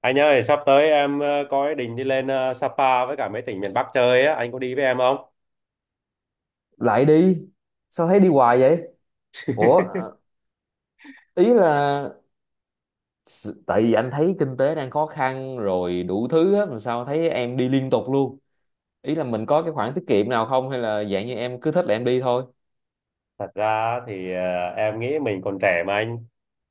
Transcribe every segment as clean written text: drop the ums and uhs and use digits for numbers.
Anh ơi, sắp tới em có ý định đi lên Sapa với cả mấy tỉnh miền Bắc chơi á, anh có đi với em không? Lại đi. Sao thấy đi hoài vậy? ủa ờ, ý là tại vì anh thấy kinh tế đang khó khăn rồi đủ thứ á, mà sao thấy em đi liên tục luôn. Ý là mình có cái khoản tiết kiệm nào không, hay là dạng như em cứ thích là em đi thôi? Thật ra thì em nghĩ mình còn trẻ mà anh.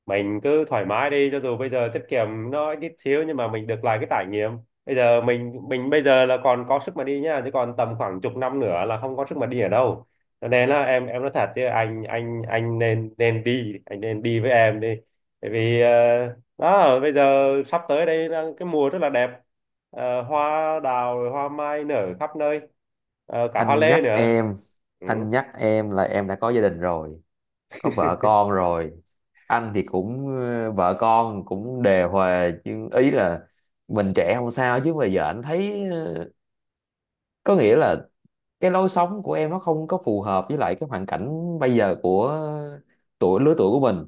Mình cứ thoải mái đi, cho dù bây giờ tiết kiệm nó ít xíu nhưng mà mình được lại cái trải nghiệm. Bây giờ mình bây giờ là còn có sức mà đi nhá, chứ còn tầm khoảng chục năm nữa là không có sức mà đi ở đâu. Cho nên là em nói thật chứ anh nên nên đi, anh nên đi với em đi. Tại vì đó, bây giờ sắp tới đây là cái mùa rất là đẹp. Hoa đào hoa mai nở khắp nơi. Cả hoa Anh lê nhắc nữa. em, anh nhắc em là em đã có gia đình rồi, có vợ con rồi. Anh thì cũng vợ con cũng đề hòa, nhưng ý là mình trẻ không sao, chứ bây giờ anh thấy có nghĩa là cái lối sống của em nó không có phù hợp với lại cái hoàn cảnh bây giờ của tuổi, lứa tuổi của mình.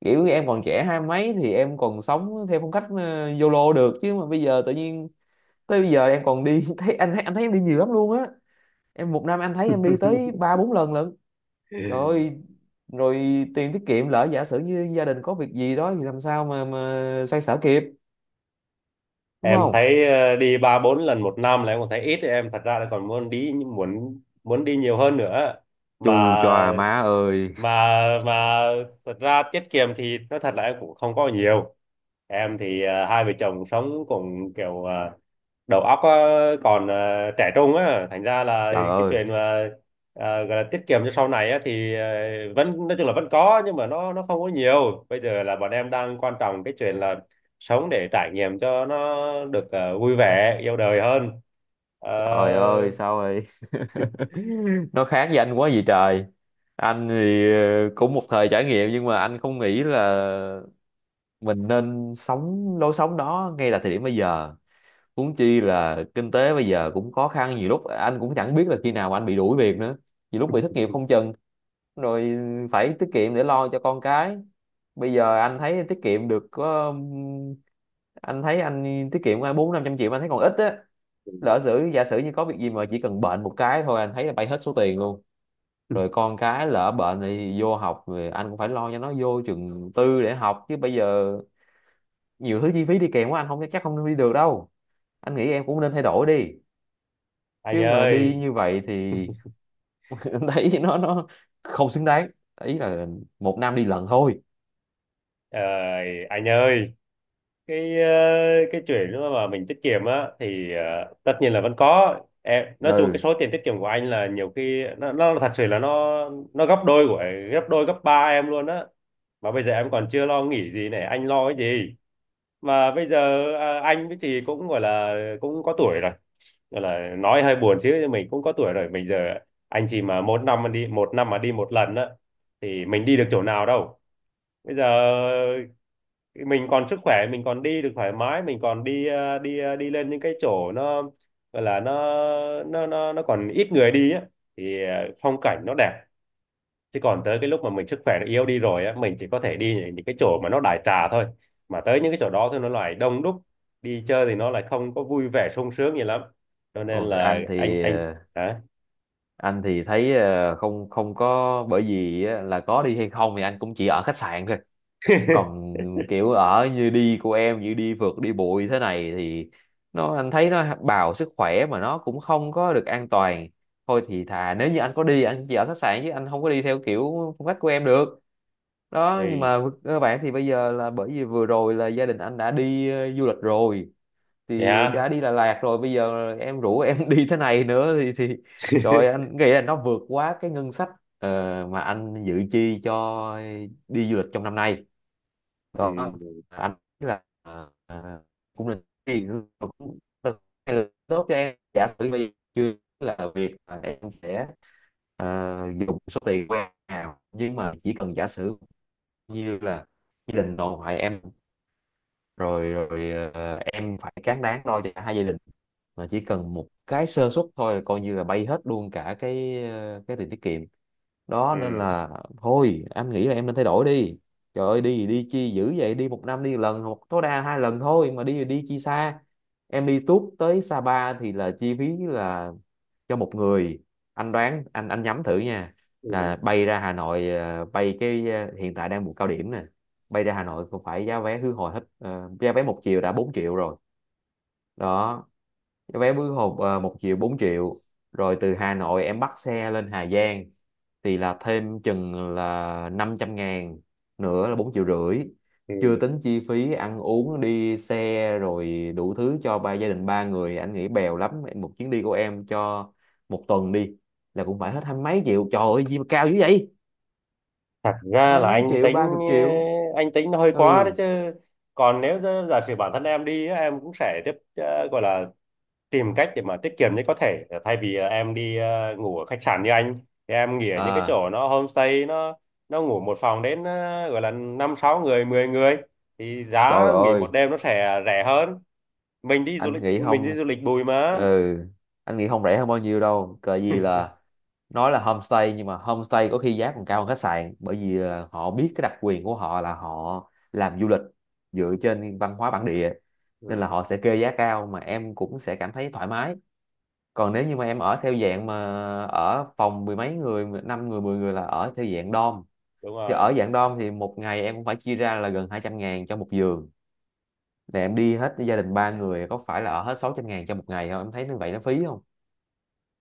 Kiểu như em còn trẻ hai mấy thì em còn sống theo phong cách YOLO được, chứ mà bây giờ tự nhiên tới bây giờ em còn đi thấy anh, thấy anh thấy em đi nhiều lắm luôn á. Em một năm anh thấy em đi tới ba bốn lần lận. Trời Ừ. ơi! Rồi tiền tiết kiệm, lỡ giả sử như gia đình có việc gì đó thì làm sao mà xoay sở kịp? Đúng Em không? thấy đi ba bốn lần một năm là em còn thấy ít, em thật ra là còn muốn đi, muốn muốn đi nhiều hơn nữa mà. Chù chòa má ơi! mà mà Thật ra tiết kiệm thì nói thật là em cũng không có nhiều. Em thì hai vợ chồng sống cùng kiểu, đầu óc á, còn trẻ trung á, thành ra là Trời cái ơi! chuyện mà gọi là tiết kiệm cho sau này á thì vẫn nói chung là vẫn có, nhưng mà nó không có nhiều. Bây giờ là bọn em đang quan trọng cái chuyện là sống để trải nghiệm cho nó được vui vẻ yêu đời hơn. Ờ, Trời ơi, sao rồi, nó khác với anh quá gì trời. Anh thì cũng một thời trải nghiệm, nhưng mà anh không nghĩ là mình nên sống lối sống đó ngay là thời điểm bây giờ. Huống chi là kinh tế bây giờ cũng khó khăn, nhiều lúc anh cũng chẳng biết là khi nào anh bị đuổi việc nữa, nhiều lúc bị thất nghiệp không chừng. Rồi phải tiết kiệm để lo cho con cái. Bây giờ anh thấy tiết kiệm được có anh thấy anh tiết kiệm bốn năm trăm triệu mà anh thấy còn ít á. Lỡ sử, giả sử như có việc gì mà chỉ cần bệnh một cái thôi anh thấy là bay hết số tiền luôn. Rồi con cái lỡ bệnh thì vô học, rồi anh cũng phải lo cho nó vô trường tư để học, chứ bây giờ nhiều thứ chi phí đi kèm quá, anh không chắc không đi được đâu. Anh nghĩ em cũng nên thay đổi đi, anh chứ mà đi ơi, như vậy thì em thấy nó không xứng đáng. Ý là một năm đi lần thôi. ờ, anh ơi cái ờ, cái chuyện đó mà mình tiết kiệm á thì tất nhiên là vẫn có. Em nói chung cái Ừ. số tiền tiết kiệm của anh là nhiều khi nó thật sự là nó gấp đôi của gấp đôi gấp ba em luôn á. Mà bây giờ em còn chưa lo nghĩ gì này, anh lo cái gì? Mà bây giờ anh với chị cũng gọi là cũng có tuổi rồi. Gọi là nói hơi buồn chứ nhưng mình cũng có tuổi rồi. Bây giờ anh chị mà một năm mà đi, một năm mà đi một lần á thì mình đi được chỗ nào đâu. Bây giờ mình còn sức khỏe, mình còn đi được thoải mái, mình còn đi lên những cái chỗ nó gọi là nó còn ít người đi á thì phong cảnh nó đẹp. Chứ còn tới cái lúc mà mình sức khỏe nó yếu đi rồi á, mình chỉ có thể đi những cái chỗ mà nó đại trà thôi. Mà tới những cái chỗ đó thì nó lại đông đúc, đi chơi thì nó lại không có vui vẻ sung sướng gì lắm. Cho nên Rồi là anh anh thì anh hả? anh thì thấy không, không có, bởi vì á, là có đi hay không thì anh cũng chỉ ở khách sạn thôi. Còn kiểu ở như đi của em như đi phượt đi bụi thế này thì nó anh thấy nó bào sức khỏe mà nó cũng không có được an toàn. Thôi thì thà nếu như anh có đi anh chỉ ở khách sạn, chứ anh không có đi theo kiểu phong cách của em được. Đó, nhưng Thì mà các bạn thì bây giờ là bởi vì vừa rồi là gia đình anh đã đi du lịch rồi, thì đã yeah. đi Đà Lạt rồi, bây giờ em rủ em đi thế này nữa thì trời ơi, anh nghĩ là nó vượt quá cái ngân sách ờ, mà anh dự chi cho đi du lịch trong năm nay. Đó, Ừ. ảnh là, cũng là cũng tốt cho em. Giả sử bây, chưa, là việc mà em sẽ, ờ, dùng số tiền của em nào, nhưng mà chỉ cần giả sử như là gia đình nội ngoại em rồi rồi, em phải cán đáng lo cho cả hai gia đình, mà chỉ cần một cái sơ suất thôi là coi như là bay hết luôn cả cái, cái tiền tiết kiệm đó, nên Ừ. là thôi anh nghĩ là em nên thay đổi đi. Trời ơi, đi thì đi chi dữ vậy, đi một năm đi lần hoặc tối đa hai lần thôi, mà đi thì đi chi xa. Em đi tuốt tới Sapa thì là chi phí là cho một người, anh đoán, anh nhắm thử nha, Ừ. là bay ra Hà Nội bay cái hiện tại đang mùa cao điểm nè, bay ra Hà Nội cũng phải giá vé khứ hồi hết giá vé một chiều đã 4 triệu rồi. Đó, vé khứ hộp à, một triệu 4 triệu. Rồi từ Hà Nội em bắt xe lên Hà Giang thì là thêm chừng là 500 ngàn, nữa là 4 triệu rưỡi. Chưa Ừ. tính chi phí ăn uống đi xe rồi đủ thứ cho ba gia đình, ba người anh nghĩ bèo lắm một chuyến đi của em cho một tuần đi là cũng phải hết hai mấy triệu. Trời ơi gì mà cao dữ vậy, Thật ra hai là mấy anh triệu, ba tính chục triệu. anh tính nó hơi quá Ừ. đấy chứ. Còn nếu giả giả sử bản thân em đi á, em cũng sẽ tiếp gọi là tìm cách để mà tiết kiệm nhất có thể, thay vì là em đi ngủ ở khách sạn như anh, thì em nghỉ ở những cái À. chỗ nó homestay, nó ngủ một phòng đến gọi là năm sáu người 10 người thì giá Trời nghỉ một ơi! đêm nó sẽ rẻ hơn. Anh nghĩ Mình đi không, du lịch bụi mà. ừ, anh nghĩ không rẻ hơn bao nhiêu đâu, cờ gì là, nói là homestay nhưng mà homestay có khi giá còn cao hơn khách sạn, bởi vì họ biết cái đặc quyền của họ là họ làm du lịch dựa trên văn hóa bản địa, nên là Ừ, họ sẽ kê giá cao mà em cũng sẽ cảm thấy thoải mái. Còn nếu như mà em ở theo dạng mà ở phòng mười mấy người, năm người, mười người là ở theo dạng dom, đúng thì rồi. ở dạng dom thì một ngày em cũng phải chia ra là gần 200 ngàn cho một giường, để em đi hết gia đình ba người có phải là ở hết 600 ngàn cho một ngày không, em thấy như vậy nó phí không?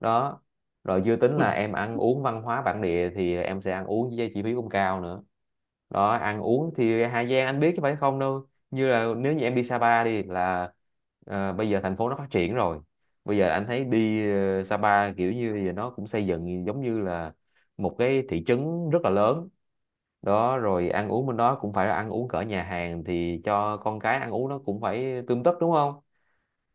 Đó, rồi chưa tính là em ăn uống văn hóa bản địa thì em sẽ ăn uống với chi phí cũng cao nữa. Đó, ăn uống thì Hà Giang anh biết chứ phải không, đâu như là nếu như em đi Sapa đi là bây giờ thành phố nó phát triển rồi. Bây giờ anh thấy đi Sapa kiểu như bây giờ nó cũng xây dựng giống như là một cái thị trấn rất là lớn. Đó, rồi ăn uống bên đó cũng phải là ăn uống cỡ nhà hàng thì cho con cái ăn uống nó cũng phải tươm tất đúng không?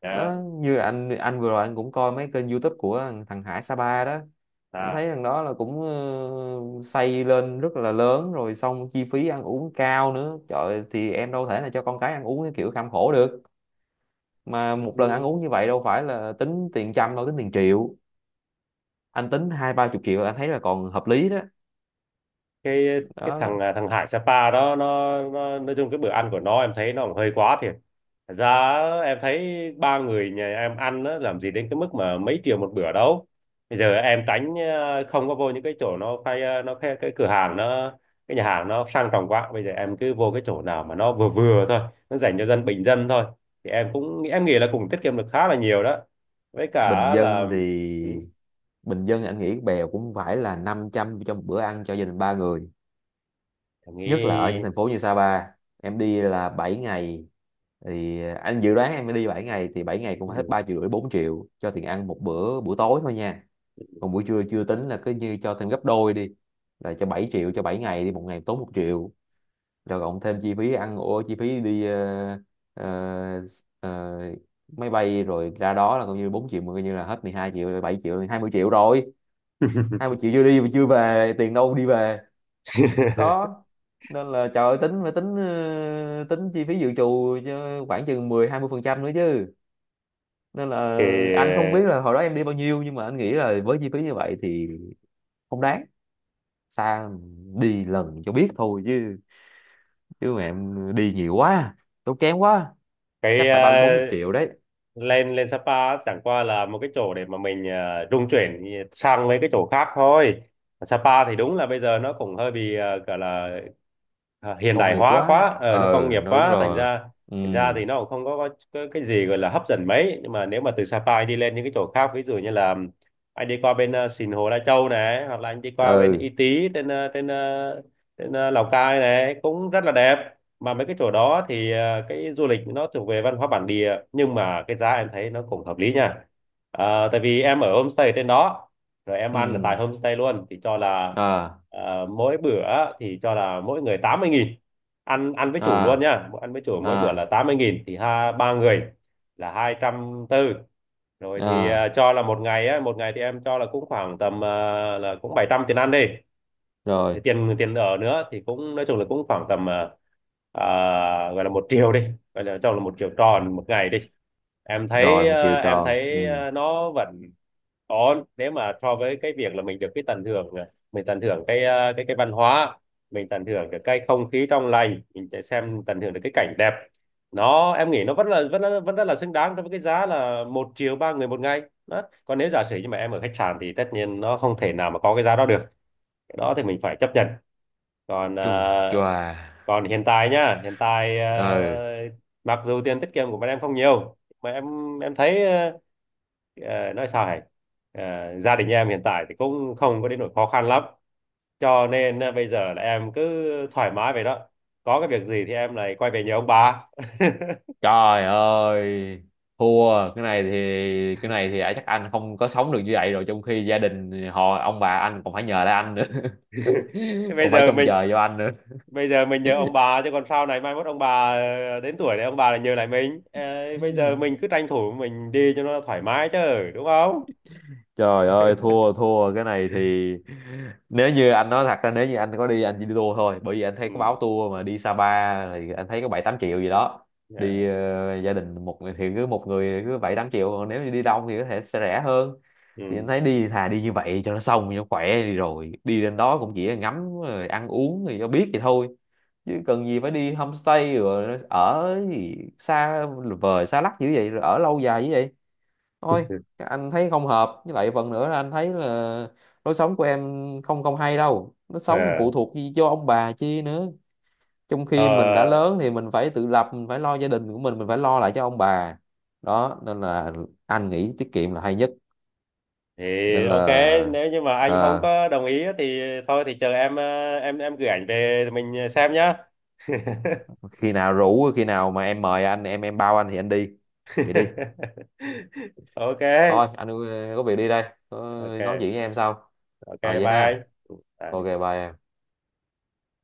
Đó. Nó như anh vừa rồi anh cũng coi mấy kênh YouTube của thằng thằng Hải Sapa đó. Anh à thấy thằng đó là cũng xây lên rất là lớn rồi xong chi phí ăn uống cao nữa, trời ơi, thì em đâu thể là cho con cái ăn uống cái kiểu kham khổ được. Mà một lần ăn uống như vậy đâu phải là tính tiền trăm đâu, tính tiền triệu. Anh tính hai ba chục triệu là anh thấy là còn hợp lý đó. cái thằng Đó, à, thằng Hải Sapa đó, nó nói chung cái bữa ăn của nó em thấy nó cũng hơi quá thiệt. Thật ra em thấy ba người nhà em ăn á, làm gì đến cái mức mà mấy triệu một bữa đâu. Bây giờ em tránh không có vô những cái chỗ nó khai nó khai, cái cửa hàng nó, cái nhà hàng nó sang trọng quá. Bây giờ em cứ vô cái chỗ nào mà nó vừa vừa thôi, nó dành cho dân bình dân thôi, thì em cũng em nghĩ là cũng tiết kiệm được khá là nhiều đó. Với bình cả là dân thì ừ, bình dân anh nghĩ bèo cũng phải là 500 cho một bữa ăn cho gia đình ba người, em nhất là ở những nghĩ. thành phố như Sapa. Em đi là 7 ngày thì anh dự đoán em mới đi 7 ngày thì 7 ngày cũng phải hết Ừ. 3 triệu rưỡi, 4 triệu cho tiền ăn một bữa buổi tối thôi nha. Còn buổi trưa chưa tính, là cứ như cho thêm gấp đôi đi, là cho 7 triệu cho 7 ngày đi, một ngày tốn một triệu. Rồi cộng thêm chi phí ăn ô, chi phí đi ờ, ờ, máy bay rồi ra đó là coi như 4 triệu, mà coi như là hết 12 triệu rồi, 7 triệu, 20 triệu rồi. Hai mươi triệu chưa đi mà chưa về, tiền đâu đi về? Đó, nên là trời ơi, tính phải tính tính chi phí dự trù cho khoảng chừng mười hai mươi phần trăm nữa chứ. Nên là anh không biết Thì là hồi đó em đi bao nhiêu, nhưng mà anh nghĩ là với chi phí như vậy thì không đáng. Xa, đi lần cho biết thôi chứ, chứ mà em đi nhiều quá, tốn kém quá, cái chắc ờ, phải ba bốn chục triệu đấy. lên lên Sapa chẳng qua là một cái chỗ để mà mình trung chuyển sang mấy cái chỗ khác thôi. Sapa thì đúng là bây giờ nó cũng hơi bị gọi là hiện Công đại nghiệp hóa quá quá, nó ờ công nghiệp nó đúng quá. Thành rồi. ra Ừ. thành ra thì nó cũng không có, có cái gì gọi là hấp dẫn mấy, nhưng mà nếu mà từ Sapa anh đi lên những cái chỗ khác, ví dụ như là anh đi qua bên Sìn Hồ Lai Châu này, hoặc là anh đi qua bên Ừ. Y Tý, Lào Cai này cũng rất là đẹp. Mà mấy cái chỗ đó thì cái du lịch nó thuộc về văn hóa bản địa, nhưng mà cái giá em thấy nó cũng hợp lý nha. Tại vì em ở homestay trên đó rồi em ăn là tại Ừ. homestay luôn thì cho là À. Mỗi bữa, thì cho là mỗi người 80.000, ăn ăn với chủ luôn À. nhá. Ăn với chủ mỗi bữa là À. 80.000 thì ha ba người là 240. Rồi thì À. Cho là một ngày á, một ngày thì em cho là cũng khoảng tầm là cũng 700 tiền ăn đi. Rồi Thì tiền tiền ở nữa thì cũng nói chung là cũng khoảng tầm gọi là 1 triệu đi, gọi là cho là 1 triệu tròn một ngày đi. em thấy rồi, một chiều ờ, em tròn, ừ. thấy ờ, nó vẫn có, nếu mà so với cái việc là mình được cái tận hưởng này, mình tận hưởng cái ờ, cái văn hóa, mình tận hưởng được cái không khí trong lành, mình sẽ xem tận hưởng được cái cảnh đẹp, nó em nghĩ nó vẫn là, vẫn rất là xứng đáng đối với cái giá là 1 triệu ba người một ngày. Đó. Còn nếu giả sử như mà em ở khách sạn thì tất nhiên nó không thể nào mà có cái giá đó được, cái đó thì mình phải chấp nhận. Còn ờ, Chù chòa! còn hiện tại nhá, Ừ. Mặc dù tiền tiết kiệm của bọn em không nhiều, mà em thấy nói sao hả? Ờ, Gia đình em hiện tại thì cũng không có đến nỗi khó khăn lắm. Cho nên bây giờ là em cứ thoải mái vậy đó. Có cái việc gì thì em lại quay về nhờ ông bà. Trời ơi, thua, cái này thì, cái này thì à, chắc anh không có sống được như vậy rồi, trong khi gia đình họ ông bà anh còn phải nhờ lại anh nữa. Thế bây Còn phải giờ trông mình chờ vô anh nữa. bây giờ mình nhờ ông bà, chứ còn sau này mai mốt ông bà đến tuổi này ông bà lại nhờ lại mình. Ờ, Bây giờ mình cứ tranh thủ mình đi cho nó thoải mái chứ, đúng không? Trời ơi, thua thua cái này thì, nếu như anh nói, thật ra nếu như anh có đi anh chỉ đi tour thôi, bởi vì anh thấy Ừ. có báo tour mà đi Sapa thì anh thấy có bảy tám triệu gì đó. Ờ, Đi gia đình một người thì cứ một người cứ bảy tám triệu, còn nếu như đi đông thì có thể sẽ rẻ hơn. Thì Ừ. anh thấy đi thà đi như vậy cho nó xong cho nó khỏe, đi rồi đi lên đó cũng chỉ là ngắm rồi ăn uống thì cho biết vậy thôi, chứ cần gì phải đi homestay rồi ở gì xa vời xa lắc dữ vậy, rồi ở lâu dài dữ vậy. Thôi, anh thấy không hợp, với lại phần nữa là anh thấy là lối sống của em không, không hay đâu, nó sống phụ Ờ. thuộc gì cho ông bà chi nữa. Trong Ờ, khi mình đã lớn thì mình phải tự lập, mình phải lo gia đình của mình phải lo lại cho ông bà. Đó, nên là anh nghĩ tiết kiệm là hay nhất. thì Nên ok. là Nếu như mà anh không ờ, có đồng ý á thì thôi thì chờ em, em gửi ảnh về rồi mình xem nhá. khi nào rủ, khi nào mà em mời anh, em bao anh thì anh đi. Vậy đi. Ok, Thôi anh có việc đi đây. Có, nói ok, chuyện với em sau. ok, Rồi bye vậy anh. ha. Ừ, Ok, bye. bye em.